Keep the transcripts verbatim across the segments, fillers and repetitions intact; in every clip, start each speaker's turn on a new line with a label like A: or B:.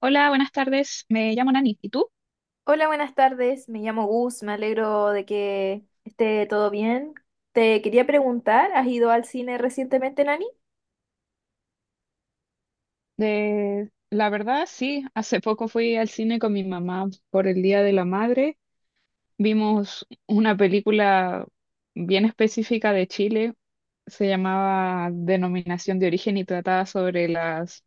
A: Hola, buenas tardes. Me llamo Nani. ¿Y tú?
B: Hola, buenas tardes. Me llamo Gus. Me alegro de que esté todo bien. Te quería preguntar, ¿has ido al cine recientemente, Nani?
A: De, la verdad, sí. Hace poco fui al cine con mi mamá por el Día de la Madre. Vimos una película bien específica de Chile. Se llamaba Denominación de Origen y trataba sobre las,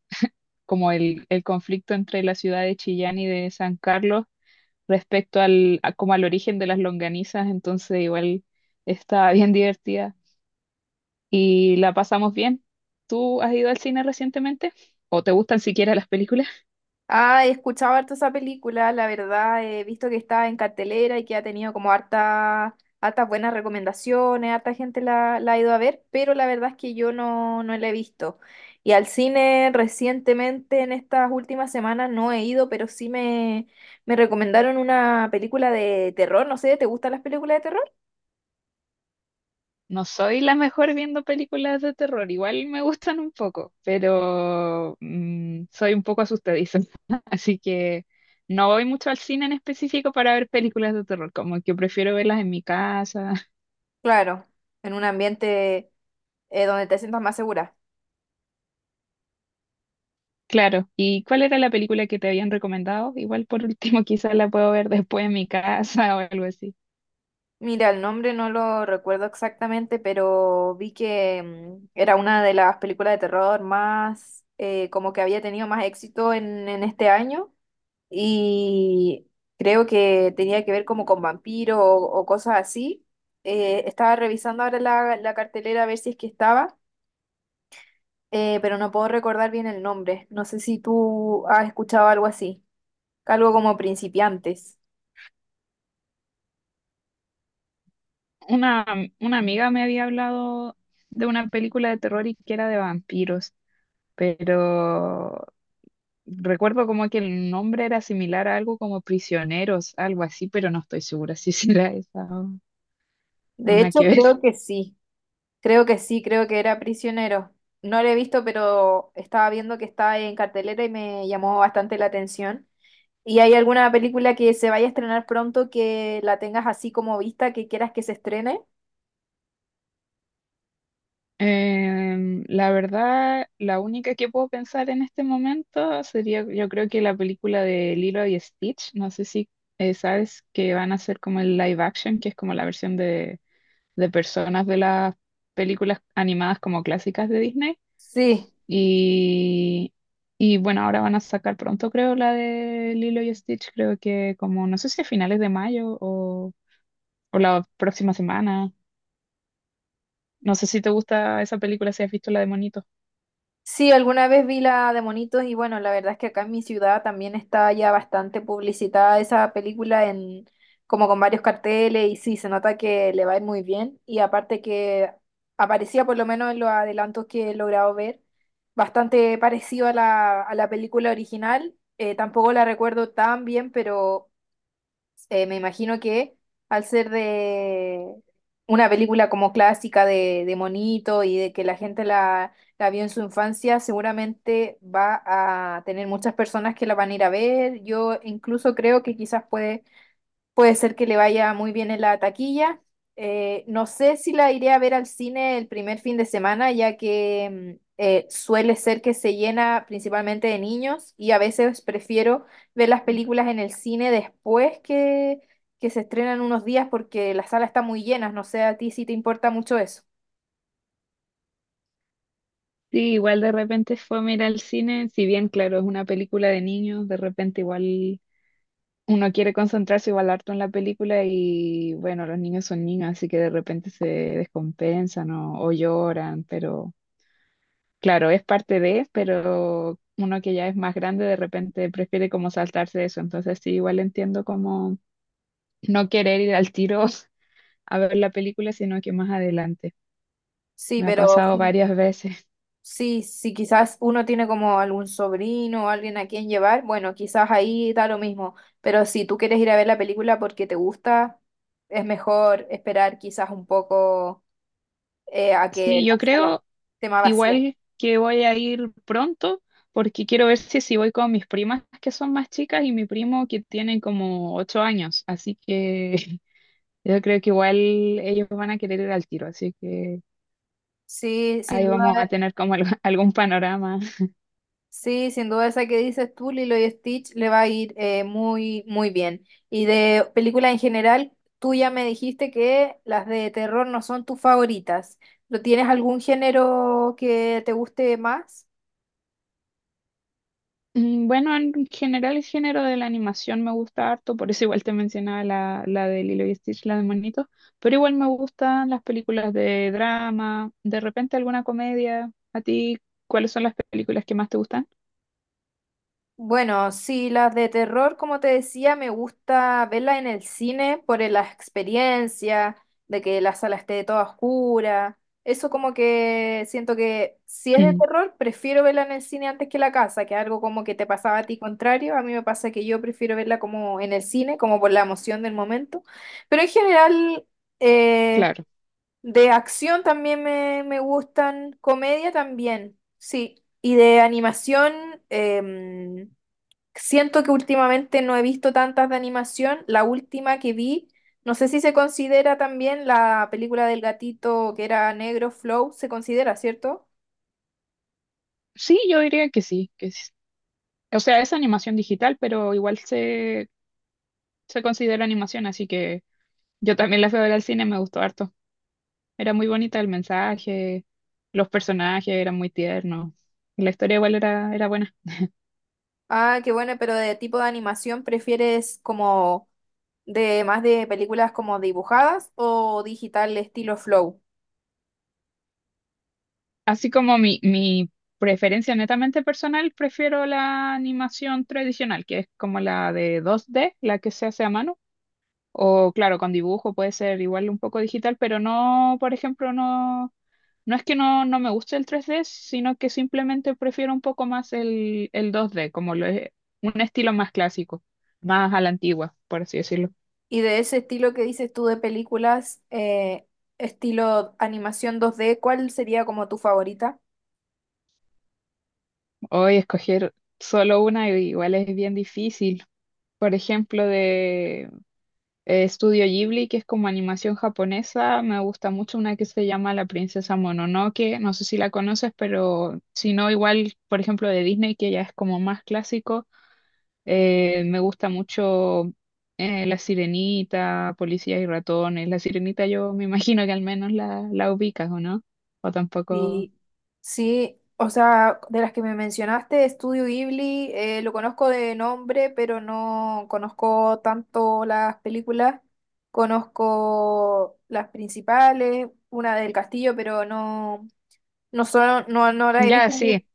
A: como el, el conflicto entre la ciudad de Chillán y de San Carlos respecto al, a- como al origen de las longanizas. Entonces, igual estaba bien divertida. Y la pasamos bien. ¿Tú has ido al cine recientemente? ¿O te gustan siquiera las películas?
B: Ah, he escuchado harto esa película, la verdad, he visto que está en cartelera y que ha tenido como harta, hartas buenas recomendaciones, harta gente la, la ha ido a ver, pero la verdad es que yo no, no la he visto. Y al cine recientemente, en estas últimas semanas, no he ido, pero sí me, me recomendaron una película de terror, no sé, ¿te gustan las películas de terror?
A: No soy la mejor viendo películas de terror, igual me gustan un poco, pero mm, soy un poco asustadiza, así que no voy mucho al cine en específico para ver películas de terror, como que prefiero verlas en mi casa.
B: Claro, en un ambiente eh, donde te sientas más segura.
A: Claro, ¿y cuál era la película que te habían recomendado? Igual por último quizás la puedo ver después en mi casa o algo así.
B: Mira, el nombre no lo recuerdo exactamente, pero vi que mm, era una de las películas de terror más, eh, como que había tenido más éxito en, en este año y creo que tenía que ver como con vampiros o, o cosas así. Eh, estaba revisando ahora la, la cartelera a ver si es que estaba, eh, pero no puedo recordar bien el nombre. No sé si tú has escuchado algo así, algo como principiantes.
A: Una, una amiga me había hablado de una película de terror y que era de vampiros, pero recuerdo como que el nombre era similar a algo como Prisioneros, algo así, pero no estoy segura si será esa o o
B: De
A: nada
B: hecho,
A: que ver.
B: creo que sí, creo que sí, creo que era Prisionero. No lo he visto, pero estaba viendo que está en cartelera y me llamó bastante la atención. ¿Y hay alguna película que se vaya a estrenar pronto que la tengas así como vista, que quieras que se estrene?
A: Em, la verdad, la única que puedo pensar en este momento sería, yo creo que la película de Lilo y Stitch, no sé si eh, sabes que van a hacer como el live action, que es como la versión de personas de las películas animadas como clásicas de Disney.
B: Sí.
A: Y, y bueno, ahora van a sacar pronto, creo, la de Lilo y Stitch, creo que como, no sé si a finales de mayo o, o la próxima semana. No sé si te gusta esa película, si has visto la de Monito.
B: Sí, alguna vez vi la de Monitos y bueno, la verdad es que acá en mi ciudad también está ya bastante publicitada esa película en como con varios carteles y sí, se nota que le va a ir muy bien y aparte que aparecía por lo menos en los adelantos que he logrado ver, bastante parecido a la, a la película original, eh, tampoco la recuerdo tan bien, pero eh, me imagino que al ser de una película como clásica de, de monito y de que la gente la, la vio en su infancia, seguramente va a tener muchas personas que la van a ir a ver. Yo incluso creo que quizás puede Puede ser que le vaya muy bien en la taquilla. Eh, no sé si la iré a ver al cine el primer fin de semana, ya que mm, eh, suele ser que se llena principalmente de niños y a veces prefiero ver las películas en el cine después que, que se estrenan unos días porque la sala está muy llena. No sé a ti si te importa mucho eso.
A: Sí, igual de repente fue a mirar al cine, si bien claro, es una película de niños, de repente igual uno quiere concentrarse igual harto en la película y bueno, los niños son niños, así que de repente se descompensan o, o lloran, pero claro, es parte de, pero uno que ya es más grande de repente prefiere como saltarse eso, entonces sí, igual entiendo como no querer ir al tiro a ver la película, sino que más adelante.
B: Sí,
A: Me ha
B: pero...
A: pasado varias veces.
B: Sí, si quizás uno tiene como algún sobrino o alguien a quien llevar, bueno, quizás ahí da lo mismo, pero si tú quieres ir a ver la película porque te gusta, es mejor esperar quizás un poco eh, a que
A: Sí,
B: la
A: yo
B: sala
A: creo.
B: esté más vacía.
A: Igual que voy a ir pronto, porque quiero ver si, si voy con mis primas que son más chicas y mi primo que tiene como ocho años. Así que yo creo que igual ellos van a querer ir al tiro. Así que
B: Sí, sin
A: ahí vamos
B: duda,
A: a tener como algo- algún panorama.
B: sí, sin duda esa que dices tú, Lilo y Stitch, le va a ir eh, muy, muy bien. Y de películas en general, tú ya me dijiste que las de terror no son tus favoritas. ¿No tienes algún género que te guste más?
A: Mm, Bueno, en general el género de la animación me gusta harto, por eso igual te mencionaba la, la de Lilo y Stitch, la de Monito, pero igual me gustan las películas de drama, de repente alguna comedia. ¿A ti cuáles son las películas que más te gustan?
B: Bueno, sí, las de terror, como te decía, me gusta verlas en el cine por el- la experiencia, de que la sala esté toda oscura. Eso como que siento que si es de terror, prefiero verla en el cine antes que en la casa, que algo como que te pasaba a ti contrario. A mí me pasa que yo prefiero verla como en el cine, como por la emoción del momento. Pero en general, eh,
A: Claro.
B: de acción también me, me gustan, comedia también, sí. Y de animación... em, siento que últimamente no he visto tantas de animación. La última que vi, no sé si se considera también la película del gatito que era negro, Flow, se considera, ¿cierto?
A: Sí, yo diría que sí, que sí. O sea, es animación digital, pero igual se, se considera animación, así que yo también la fui a ver al cine, me gustó harto. Era muy bonita el mensaje, los personajes eran muy tiernos, y la historia igual era, era buena.
B: Ah, qué bueno, pero de tipo de animación, ¿prefieres como de más de películas como dibujadas o digital estilo Flow?
A: Así como mi, mi preferencia netamente personal, prefiero la animación tradicional, que es como la de dos D, la que se hace a mano. O claro, con dibujo puede ser igual un poco digital, pero no, por ejemplo, no. No es que no, no me guste el tres D, sino que simplemente prefiero un poco más el, el dos D, como lo es, un estilo más clásico, más a la antigua, por así decirlo.
B: Y de ese estilo que dices tú de películas, eh, estilo animación dos D, ¿cuál sería como tu favorita?
A: Hoy escoger solo una igual es bien difícil. Por ejemplo, de eh, Studio Ghibli, que es como animación japonesa, me gusta mucho una que se llama La Princesa Mononoke, no sé si la conoces, pero si no, igual, por ejemplo, de Disney, que ya es como más clásico. Eh, me gusta mucho eh, La Sirenita, Policías y Ratones. La Sirenita yo me imagino que al menos la, la ubicas, ¿o no? O tampoco...
B: Sí, sí, o sea, de las que me mencionaste, Estudio Ghibli, eh, lo conozco de nombre, pero no conozco tanto las películas. Conozco las principales, una del castillo, pero no, no, solo no, no la he
A: Ya,
B: visto mucho.
A: sí,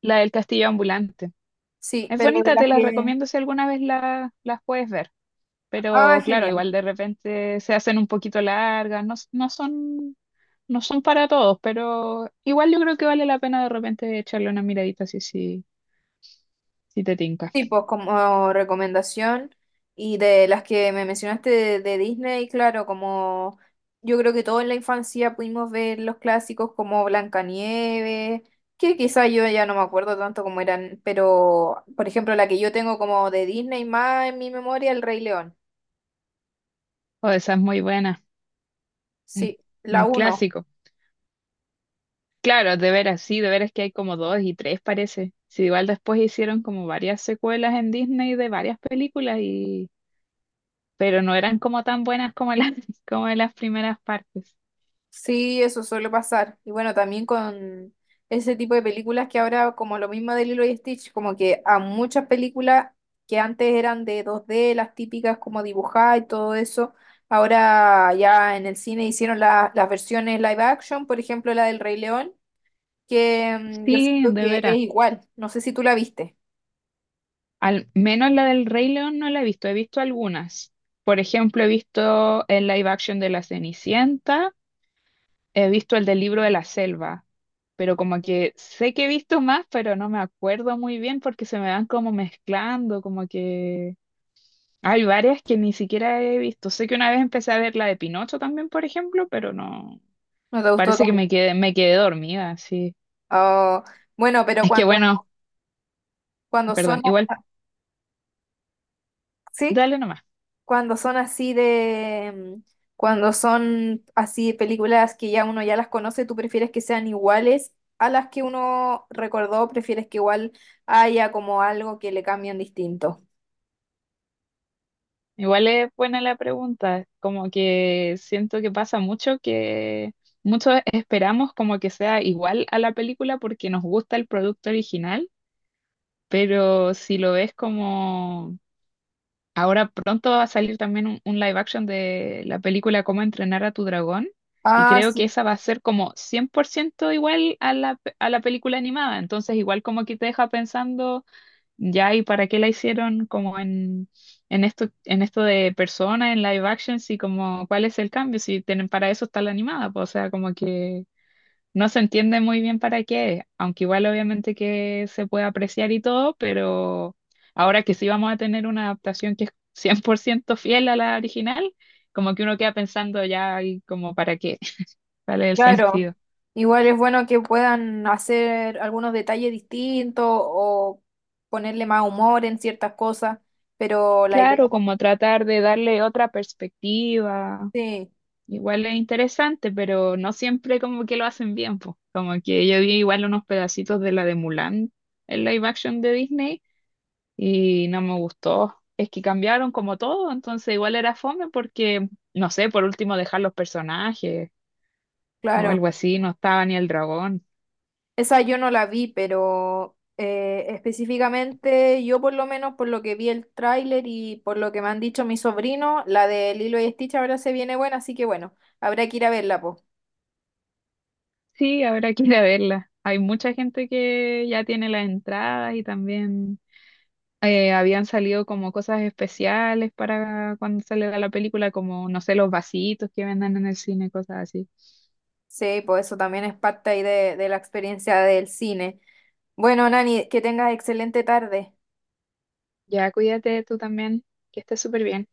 A: la del Castillo Ambulante.
B: Sí,
A: Es
B: pero de
A: bonita,
B: las
A: te la
B: que...
A: recomiendo si alguna vez la, las puedes ver.
B: Ah,
A: Pero claro,
B: genial.
A: igual de repente se hacen un poquito largas, no, s- no son, no son para todos, pero igual yo creo que vale la pena de repente echarle una miradita si, si, si te tinca.
B: Sí, pues como recomendación y de las que me mencionaste de, de Disney, claro, como yo creo que todos en la infancia pudimos ver los clásicos como Blancanieves, que quizá yo ya no me acuerdo tanto cómo eran, pero por ejemplo la que yo tengo como de Disney más en mi memoria, El Rey León.
A: O esa es muy buena, un
B: Sí, la
A: un
B: uno.
A: clásico. Claro, de veras, sí, de veras que hay como dos y tres parece. Sí, igual después hicieron como varias secuelas en Disney de varias películas y pero no eran como tan buenas como las como de las primeras partes.
B: Sí, eso suele pasar. Y bueno, también con ese tipo de películas que ahora, como lo mismo de Lilo y Stitch, como que a muchas películas que antes eran de dos d las típicas como dibujadas y todo eso, ahora ya en el cine hicieron la- las versiones live action, por ejemplo la del Rey León, que mm, yo
A: Sí,
B: siento
A: de
B: que es
A: veras.
B: igual. No sé si tú la viste,
A: Al menos la del Rey León no la he visto, he visto algunas. Por ejemplo, he visto el live action de La Cenicienta, he visto el del Libro de la Selva, pero como que sé que he visto más, pero no me acuerdo muy bien porque se me van como mezclando, como que hay varias que ni siquiera he visto. Sé que una vez empecé a ver la de Pinocho también, por ejemplo, pero no.
B: no te gustó
A: Parece que
B: tanto.
A: me quedé, me quedé dormida, sí.
B: Oh, bueno, pero
A: Es que
B: cuando,
A: bueno,
B: cuando son...
A: perdón, igual,
B: ¿Sí?
A: dale nomás.
B: Cuando son así de, mm, cuando son así películas que ya uno ya las conoce, ¿tú prefieres que sean iguales a las que uno recordó? ¿Prefieres que igual haya como algo que le cambian distinto?
A: Igual es buena la pregunta. Como que siento que pasa mucho que muchos esperamos como que sea igual a la película porque nos gusta el producto original, pero si lo ves como ahora pronto va a salir también un, un live action de la película Cómo entrenar a tu dragón y
B: Ah,
A: creo que
B: sí,
A: esa va a ser como cien por ciento igual a la, pe- a la película animada, entonces igual como que te deja pensando ya y para qué la hicieron como en, en esto, en esto de persona, en live action, y como cuál es el cambio, si tienen, para eso está la animada, pues, o sea, como que no se entiende muy bien para qué es, aunque igual obviamente que se puede apreciar y todo, pero ahora que sí vamos a tener una adaptación que es cien por ciento fiel a la original, como que uno queda pensando ya y como para qué, cuál es el
B: claro.
A: sentido.
B: Igual es bueno que puedan hacer algunos detalles distintos o ponerle más humor en ciertas cosas, pero la idea,
A: Claro, como tratar de darle otra perspectiva,
B: sí,
A: igual es interesante, pero no siempre como que lo hacen bien, pues. Como que yo vi igual unos pedacitos de la de Mulan, el live action de Disney y no me gustó. Es que cambiaron como todo, entonces igual era fome porque, no sé, por último dejar los personajes o
B: claro.
A: algo así, no estaba ni el dragón.
B: Esa yo no la vi, pero eh, específicamente yo por lo menos por lo que vi el tráiler y por lo que me han dicho mis sobrinos, la de Lilo y Stitch ahora se viene buena, así que bueno, habrá que ir a verla, po.
A: Sí, habrá que ir a verla. Hay mucha gente que ya tiene las entradas y también eh, habían salido como cosas especiales para cuando sale la película, como, no sé, los vasitos que venden en el cine, cosas así.
B: Sí, pues eso también es parte ahí de, de la experiencia del cine. Bueno, Nani, que tengas excelente tarde.
A: Ya cuídate tú también, que estés súper bien.